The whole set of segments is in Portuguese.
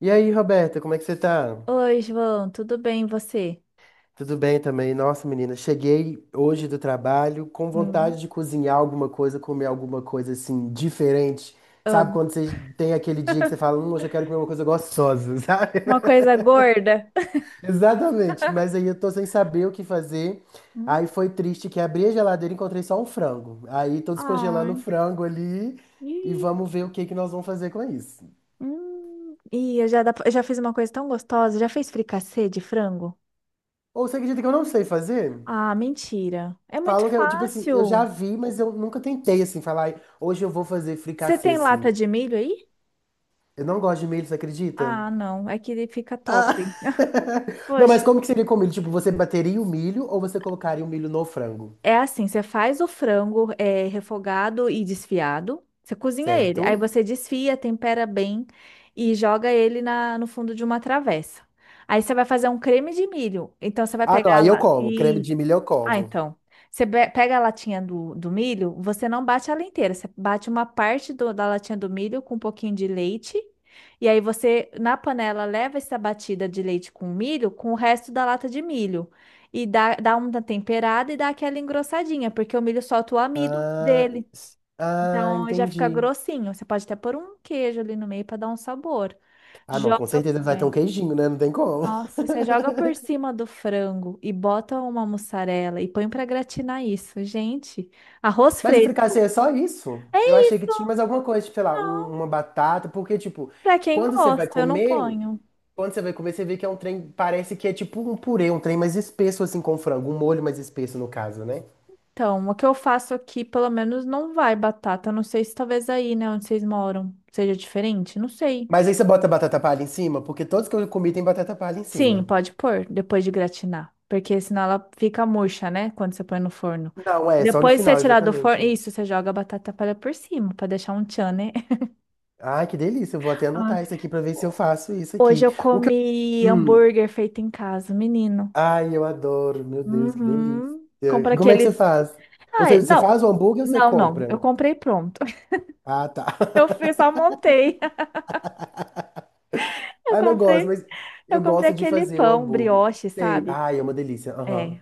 E aí, Roberta, como é que você tá? Oi, João, tudo bem e você? Tudo bem também? Nossa, menina, cheguei hoje do trabalho com Hum. vontade de cozinhar alguma coisa, comer alguma coisa assim diferente. Sabe Amo. quando você tem aquele dia que você fala, hoje eu quero comer uma coisa gostosa, sabe? Uma coisa gorda. Exatamente, mas aí eu tô sem saber o que fazer. Aí Hum. foi triste que abri a geladeira e encontrei só um frango. Aí tô descongelando o Ai. frango ali e Ih. vamos ver o que nós vamos fazer com isso. Hum. Ih, eu já fiz uma coisa tão gostosa. Já fez fricassê de frango? Ou você acredita que eu não sei fazer? Ah, mentira. É muito Falam que, tipo assim, eu já fácil. vi, mas eu nunca tentei, assim, falar, "Ai, hoje eu vou fazer Você fricassê, tem assim. lata de milho aí? Eu não gosto de milho, você acredita? Ah, não. É que ele fica top. Ah, não, mas Poxa, como que seria com milho? Tipo, você bateria o milho ou você colocaria o milho no frango, é assim, você faz o frango é, refogado e desfiado, você cozinha ele, aí certo? você desfia, tempera bem e joga ele no fundo de uma travessa. Aí você vai fazer um creme de milho. Então você vai Ah, não, pegar aí eu lá. como. Creme de Isso. milho eu Ah, como. então. Pega a latinha do milho, você não bate ela inteira, você bate uma parte da latinha do milho com um pouquinho de leite, e aí você, na panela, leva essa batida de leite com milho com o resto da lata de milho. E dá uma temperada e dá aquela engrossadinha, porque o milho solta o amido Ah, dele. ah, Então já fica entendi. grossinho. Você pode até pôr um queijo ali no meio para dar um sabor. Ah, não, com Joga. certeza vai ter um queijinho, né? Não tem como. Nossa, você joga por cima do frango e bota uma mussarela e põe pra gratinar isso. Gente, arroz Mas o fresco. fricassê é só isso? Eu É achei que isso, tinha mais alguma coisa, tipo, sei lá, não. uma batata, porque, tipo, Pra quem quando você vai gosta, eu não comer. ponho. Quando você vai comer, você vê que é um trem, parece que é tipo um purê, um trem mais espesso assim com frango, um molho mais espesso no caso, né? Então, o que eu faço aqui, pelo menos, não vai batata. Eu não sei se talvez aí, né, onde vocês moram, seja diferente. Não sei. Mas aí você bota batata palha em cima, porque todos que eu comi tem batata palha em Sim, cima. pode pôr depois de gratinar. Porque senão ela fica murcha, né? Quando você põe no forno. Não, é só no Depois que você final, tirar do forno, exatamente. isso, você joga a batata palha por cima, pra deixar um tchan, né? Ai, que delícia, eu vou até anotar isso aqui pra ver se eu faço isso aqui. Hoje eu O que eu... comi Hum, hambúrguer feito em casa, menino. ai, eu adoro, meu Deus, que delícia. Uhum. Compra Como é que você aquele. faz? Ou Ai, seja, você não. faz o hambúrguer ou você Não, não. compra? Eu comprei pronto. Ah, tá. Eu fiz, só montei. Eu Ah, não, eu gosto, comprei, mas eu eu comprei gosto de aquele fazer o pão hambúrguer. brioche, Sei. sabe? Ai, é uma delícia. Aham. É.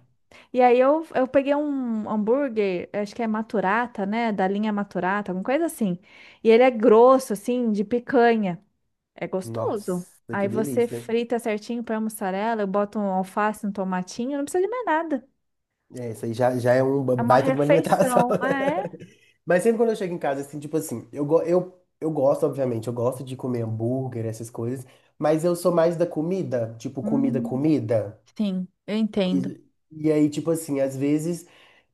E aí eu peguei um hambúrguer, acho que é Maturata, né? Da linha Maturata, alguma coisa assim. E ele é grosso, assim, de picanha. É gostoso. Nossa, que Aí você delícia. frita certinho, põe a mussarela, eu boto um alface, um tomatinho, não precisa de mais nada. É, isso aí já, já é um É uma baita de uma alimentação. refeição, ah, é. Mas sempre quando eu chego em casa, assim, tipo assim, eu gosto, obviamente, eu gosto de comer hambúrguer, essas coisas, mas eu sou mais da comida, tipo, comida, Hum, comida. sim, eu entendo. E, e aí, tipo assim, às vezes.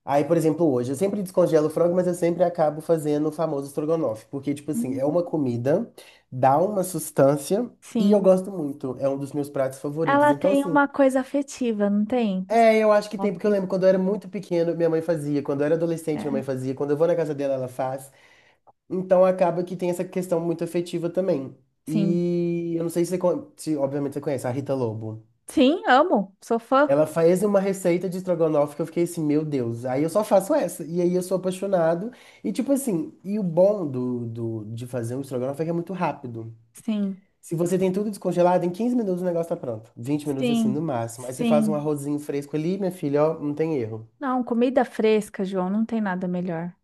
Aí, por exemplo, hoje, eu sempre descongelo o frango, mas eu sempre acabo fazendo o famoso estrogonofe, porque, tipo assim, é Hum, uma comida, dá uma sustância. E eu sim, gosto muito, é um dos meus pratos favoritos. ela Então, tem assim, uma coisa afetiva, não tem? é, eu acho que tem, porque eu Snoop, lembro quando eu era muito pequeno, minha mãe fazia. Quando eu era adolescente, minha mãe é, fazia. Quando eu vou na casa dela, ela faz. Então acaba que tem essa questão muito afetiva também. sim. E eu não sei se, você, se obviamente você conhece a Rita Lobo. Sim, amo, sou fã. Ela faz uma receita de estrogonofe que eu fiquei assim, meu Deus, aí eu só faço essa. E aí eu sou apaixonado. E tipo assim, e o bom de fazer um estrogonofe é que é muito rápido. Sim, Se você tem tudo descongelado, em 15 minutos o negócio tá pronto. 20 minutos assim, no sim, máximo. Aí você faz um sim. arrozinho fresco ali, minha filha, ó, não tem erro. Não, comida fresca, João, não tem nada melhor.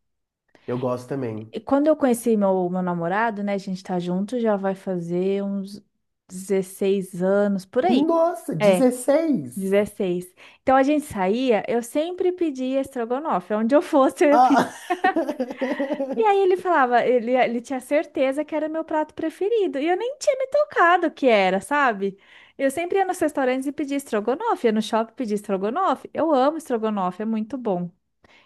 Eu gosto também. E quando eu conheci meu namorado, né, a gente tá junto, já vai fazer uns 16 anos, por aí. Nossa, É. 16. 16. Então a gente saía, eu sempre pedia estrogonofe, é onde eu fosse eu ia pedir. Ah! E aí ele falava, ele tinha certeza que era meu prato preferido, e eu nem tinha me tocado que era, sabe? Eu sempre ia nos restaurantes e pedia estrogonofe, ia no shopping pedir estrogonofe. Eu amo estrogonofe, é muito bom.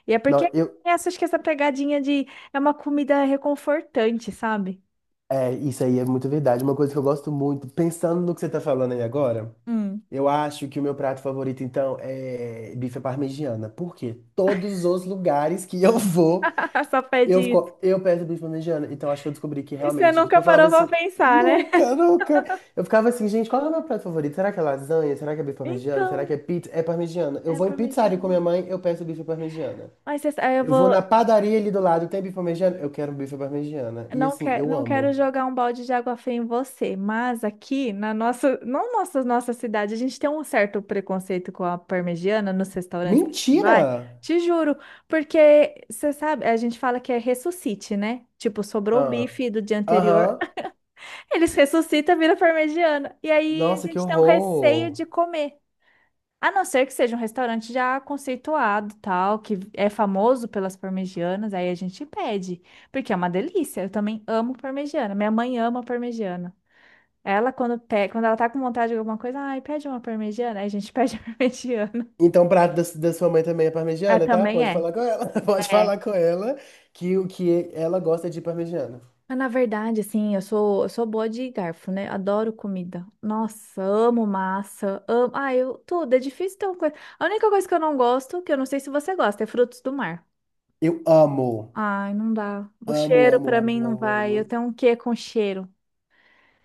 E é porque Não, eu. essa, acho que essa pegadinha de é uma comida reconfortante, sabe? É, isso aí é muito verdade. Uma coisa que eu gosto muito, pensando no que você tá falando aí agora, Hum. eu acho que o meu prato favorito, então, é bife à parmegiana. Porque todos os lugares que eu vou, Só pede isso. Eu percebi isso planejando, então acho que eu descobri que E você realmente. Porque nunca eu falava parou pra assim, pensar, né? nunca, nunca. Eu ficava assim, gente, qual é o meu prato favorito? Será que é lasanha? Será que é bife parmegiana? Será Então, que é pizza? É parmegiana. Eu é vou em pizzaria com parmegiana. minha mãe, eu peço bife parmegiana. Mas você- aí eu Eu vou vou. na padaria ali do lado, tem bife parmegiana? Eu quero bife parmegiana. E Não, assim, quer, eu não quero amo. jogar um balde de água fria em você, mas aqui na nossa cidade, a gente tem um certo preconceito com a parmegiana nos restaurantes que a gente Mentira! vai, te juro, porque você sabe, a gente fala que é ressuscite, né? Tipo, sobrou o Ah, bife do dia anterior, aham. eles ressuscitam, vira parmegiana. E aí a Nossa, que gente tem um receio horror. de comer. A não ser que seja um restaurante já conceituado, tal, que é famoso pelas parmegianas, aí a gente pede, porque é uma delícia. Eu também amo parmegiana. Minha mãe ama parmegiana. Ela, quando ela tá com vontade de alguma coisa, ai, pede uma parmegiana, aí a gente pede a parmegiana. Então, o prato da sua mãe também é Ela parmegiana, tá? também Pode é. falar com ela. Pode É. falar com ela que o que ela gosta é de parmegiana. Mas na verdade, assim, eu sou boa de garfo, né? Adoro comida. Nossa, amo massa, amo. Ah, eu tudo. É difícil ter uma coisa. A única coisa que eu não gosto, que eu não sei se você gosta, é frutos do mar. Eu amo. Ai, não dá. O Amo, cheiro amo, pra amo, mim não amo, vai. amo. Eu tenho um quê com cheiro.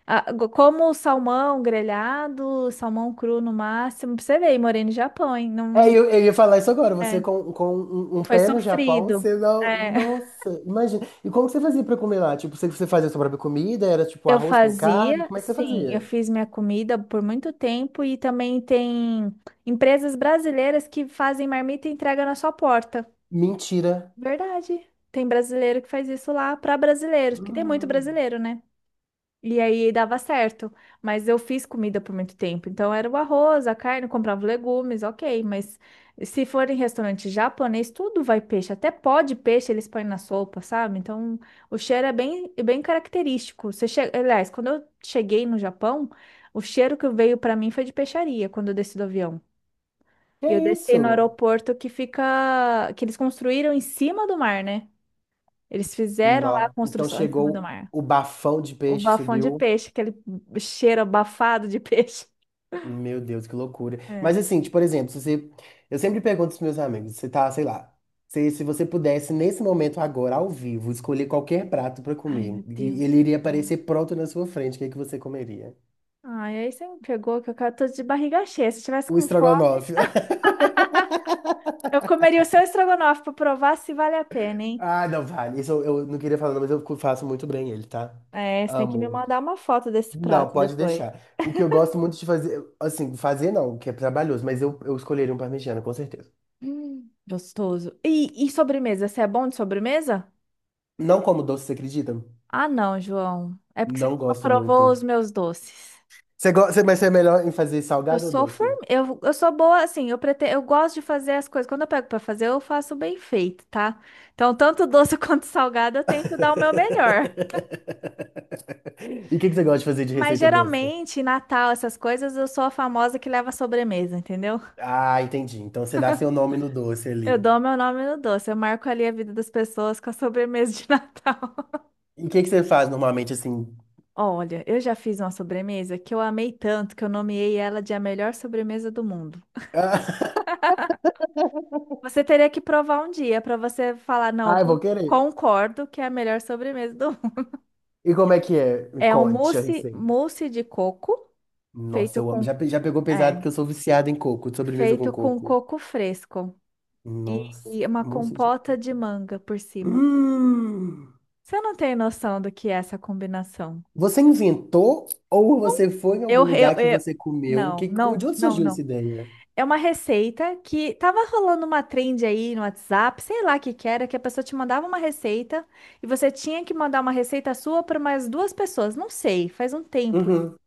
Ah, go- como salmão grelhado, salmão cru no máximo. Pra você ver, morei no Japão, hein? Não, É, não eu ia falar consigo. isso agora. Você É, com um, um foi pé no Japão, sofrido. você não. É. Nossa, imagina. E como que você fazia pra comer lá? Tipo, você, você fazia sua própria comida? Era tipo Eu arroz com carne? fazia, Como é que você sim, eu fazia? fiz minha comida por muito tempo e também tem empresas brasileiras que fazem marmita e entrega na sua porta. Mentira. Verdade. Tem brasileiro que faz isso lá para brasileiros, porque tem muito Hum, brasileiro, né? E aí dava certo. Mas eu fiz comida por muito tempo. Então era o arroz, a carne, eu comprava legumes, ok. Mas se for em restaurante japonês, tudo vai peixe. Até pó de peixe eles põem na sopa, sabe? Então o cheiro é bem, bem característico. Aliás, quando eu cheguei no Japão, o cheiro que veio para mim foi de peixaria quando eu desci do avião. que E eu desci no isso? aeroporto que fica. Que eles construíram em cima do mar, né? Eles fizeram lá a Não. Então construção em cima do chegou mar. o bafão de O peixe, bafão de subiu. peixe, aquele cheiro abafado de peixe. Meu Deus, que loucura. Mas É. assim, tipo, por exemplo, se você... eu sempre pergunto aos meus amigos, você tá, sei lá, se você pudesse, nesse momento agora, ao vivo, escolher qualquer prato pra Ai, comer, meu e Deus ele do iria céu. aparecer pronto na sua frente, o que é que você comeria? Ai, aí você me pegou que tô de barriga cheia. Se eu tivesse O com fome, estrogonofe. eu comeria o seu estrogonofe pra provar se vale a pena, hein? Ah, não, vale. Isso eu não queria falar, não, mas eu faço muito bem ele, tá? É, você tem que me Amo. mandar uma foto desse Não, prato pode depois. deixar. O que eu gosto muito de fazer, assim, fazer não, que é trabalhoso, mas eu escolheria um parmegiana, com certeza. Gostoso. E sobremesa? Você é bom de sobremesa? Não como doce, você acredita? Ah, não, João. É porque você Não não gosto provou muito. os meus doces. Você gosta, mas você é melhor em fazer Eu salgado ou sou doce? form... eu, eu sou boa, assim, eu gosto de fazer as coisas. Quando eu pego pra fazer, eu faço bem feito, tá? Então, tanto doce quanto salgado, eu tento dar o meu melhor. E o que você gosta de fazer de Mas receita doce? geralmente, Natal, essas coisas, eu sou a famosa que leva a sobremesa, entendeu? Ah, entendi. Então você dá seu nome no doce Eu ali. dou meu nome no doce, eu marco ali a vida das pessoas com a sobremesa de Natal. E o que você faz normalmente assim? Olha, eu já fiz uma sobremesa que eu amei tanto que eu nomeei ela de a melhor sobremesa do mundo. Você teria que provar um dia pra você falar, não, eu Ah, eu vou querer. concordo que é a melhor sobremesa do. E como é que é? Me É um conte a mousse, receita. mousse de coco Nossa, feito eu com amo. Já, já pegou pesado é, porque eu sou viciado em coco, de sobremesa feito com com coco. coco fresco e, Nossa, e uma mousse de compota de coco. manga por cima. Hum. Você não tem noção do que é essa combinação? Você inventou ou Não. você foi em algum Eu, eu, lugar que eu você comeu? não, Que, de não, onde não, surgiu essa não. ideia? É uma receita que tava rolando uma trend aí no WhatsApp, sei lá o que que era, que a pessoa te mandava uma receita e você tinha que mandar uma receita sua para mais duas pessoas. Não sei, faz um tempo. Uhum.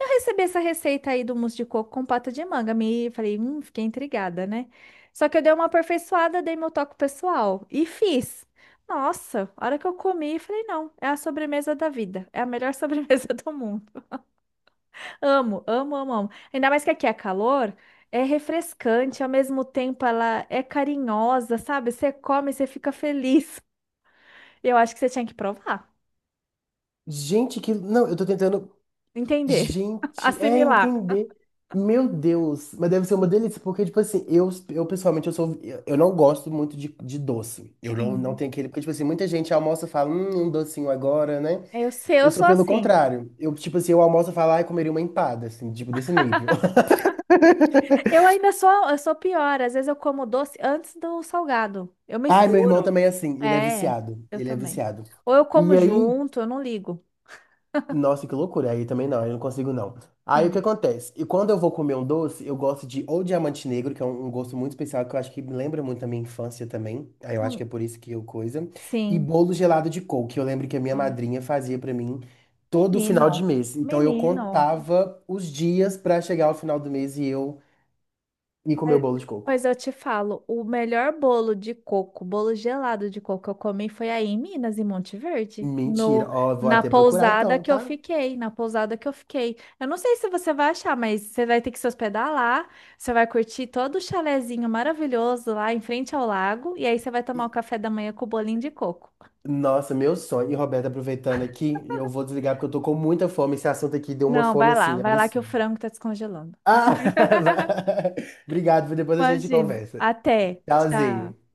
Eu recebi essa receita aí do mousse de coco com pata de manga. Me falei, fiquei intrigada, né? Só que eu dei uma aperfeiçoada, dei meu toque pessoal e fiz. Nossa, a hora que eu comi, falei, não, é a sobremesa da vida. É a melhor sobremesa do mundo. Amo, amo, amo, amo. Ainda mais que aqui é calor, é refrescante, ao mesmo tempo ela é carinhosa, sabe? Você come, você fica feliz. Eu acho que você tinha que provar, Gente, que. Não, eu tô tentando. entender, Gente, é assimilar. entender. Meu Deus, mas deve ser uma delícia, porque, tipo assim, eu pessoalmente, eu sou, eu não gosto muito de doce. Eu não, não Hum. tenho aquele, porque, tipo assim, muita gente almoça e fala, um docinho agora, né? Eu sei, eu Eu sou sou pelo assim. contrário. Eu, tipo assim, eu almoço e falo, ai, comeria uma empada, assim, tipo, desse nível. Eu ainda sou, eu sou pior. Às vezes eu como doce antes do salgado. Eu Ai, meu irmão misturo. também é assim, ele é É, viciado, eu ele é também. viciado. Ou eu como E aí, junto, eu não ligo. nossa, que loucura. Aí também não, aí eu não consigo não. Aí o que Sim. acontece? E quando eu vou comer um doce, eu gosto de ou diamante negro, que é um, um gosto muito especial, que eu acho que me lembra muito a minha infância também. Aí eu acho que Não, é por isso que eu coisa. E sim. bolo gelado de coco, que eu lembro que a minha Ai, madrinha fazia pra mim todo final menino, de mês. Então eu menino. contava os dias pra chegar ao final do mês e eu ir comer o Mas bolo de coco. mas eu te falo, o melhor bolo de coco, bolo gelado de coco que eu comi foi aí em Minas, em Monte Verde, Mentira. no, Ó, vou na até procurar pousada então, que eu tá? fiquei, na pousada que eu fiquei. Eu não sei se você vai achar, mas você vai ter que se hospedar lá, você vai curtir todo o chalezinho maravilhoso lá em frente ao lago, e aí você vai tomar o café da manhã com o bolinho de coco. Nossa, meu sonho. E Roberta, aproveitando aqui, eu vou desligar porque eu tô com muita fome. Esse assunto aqui deu uma Não, fome assim, vai lá que o absurda. frango tá descongelando. Ah, vai. Obrigado. Depois a gente Imagina. conversa. Até. Tchau. Tchauzinho.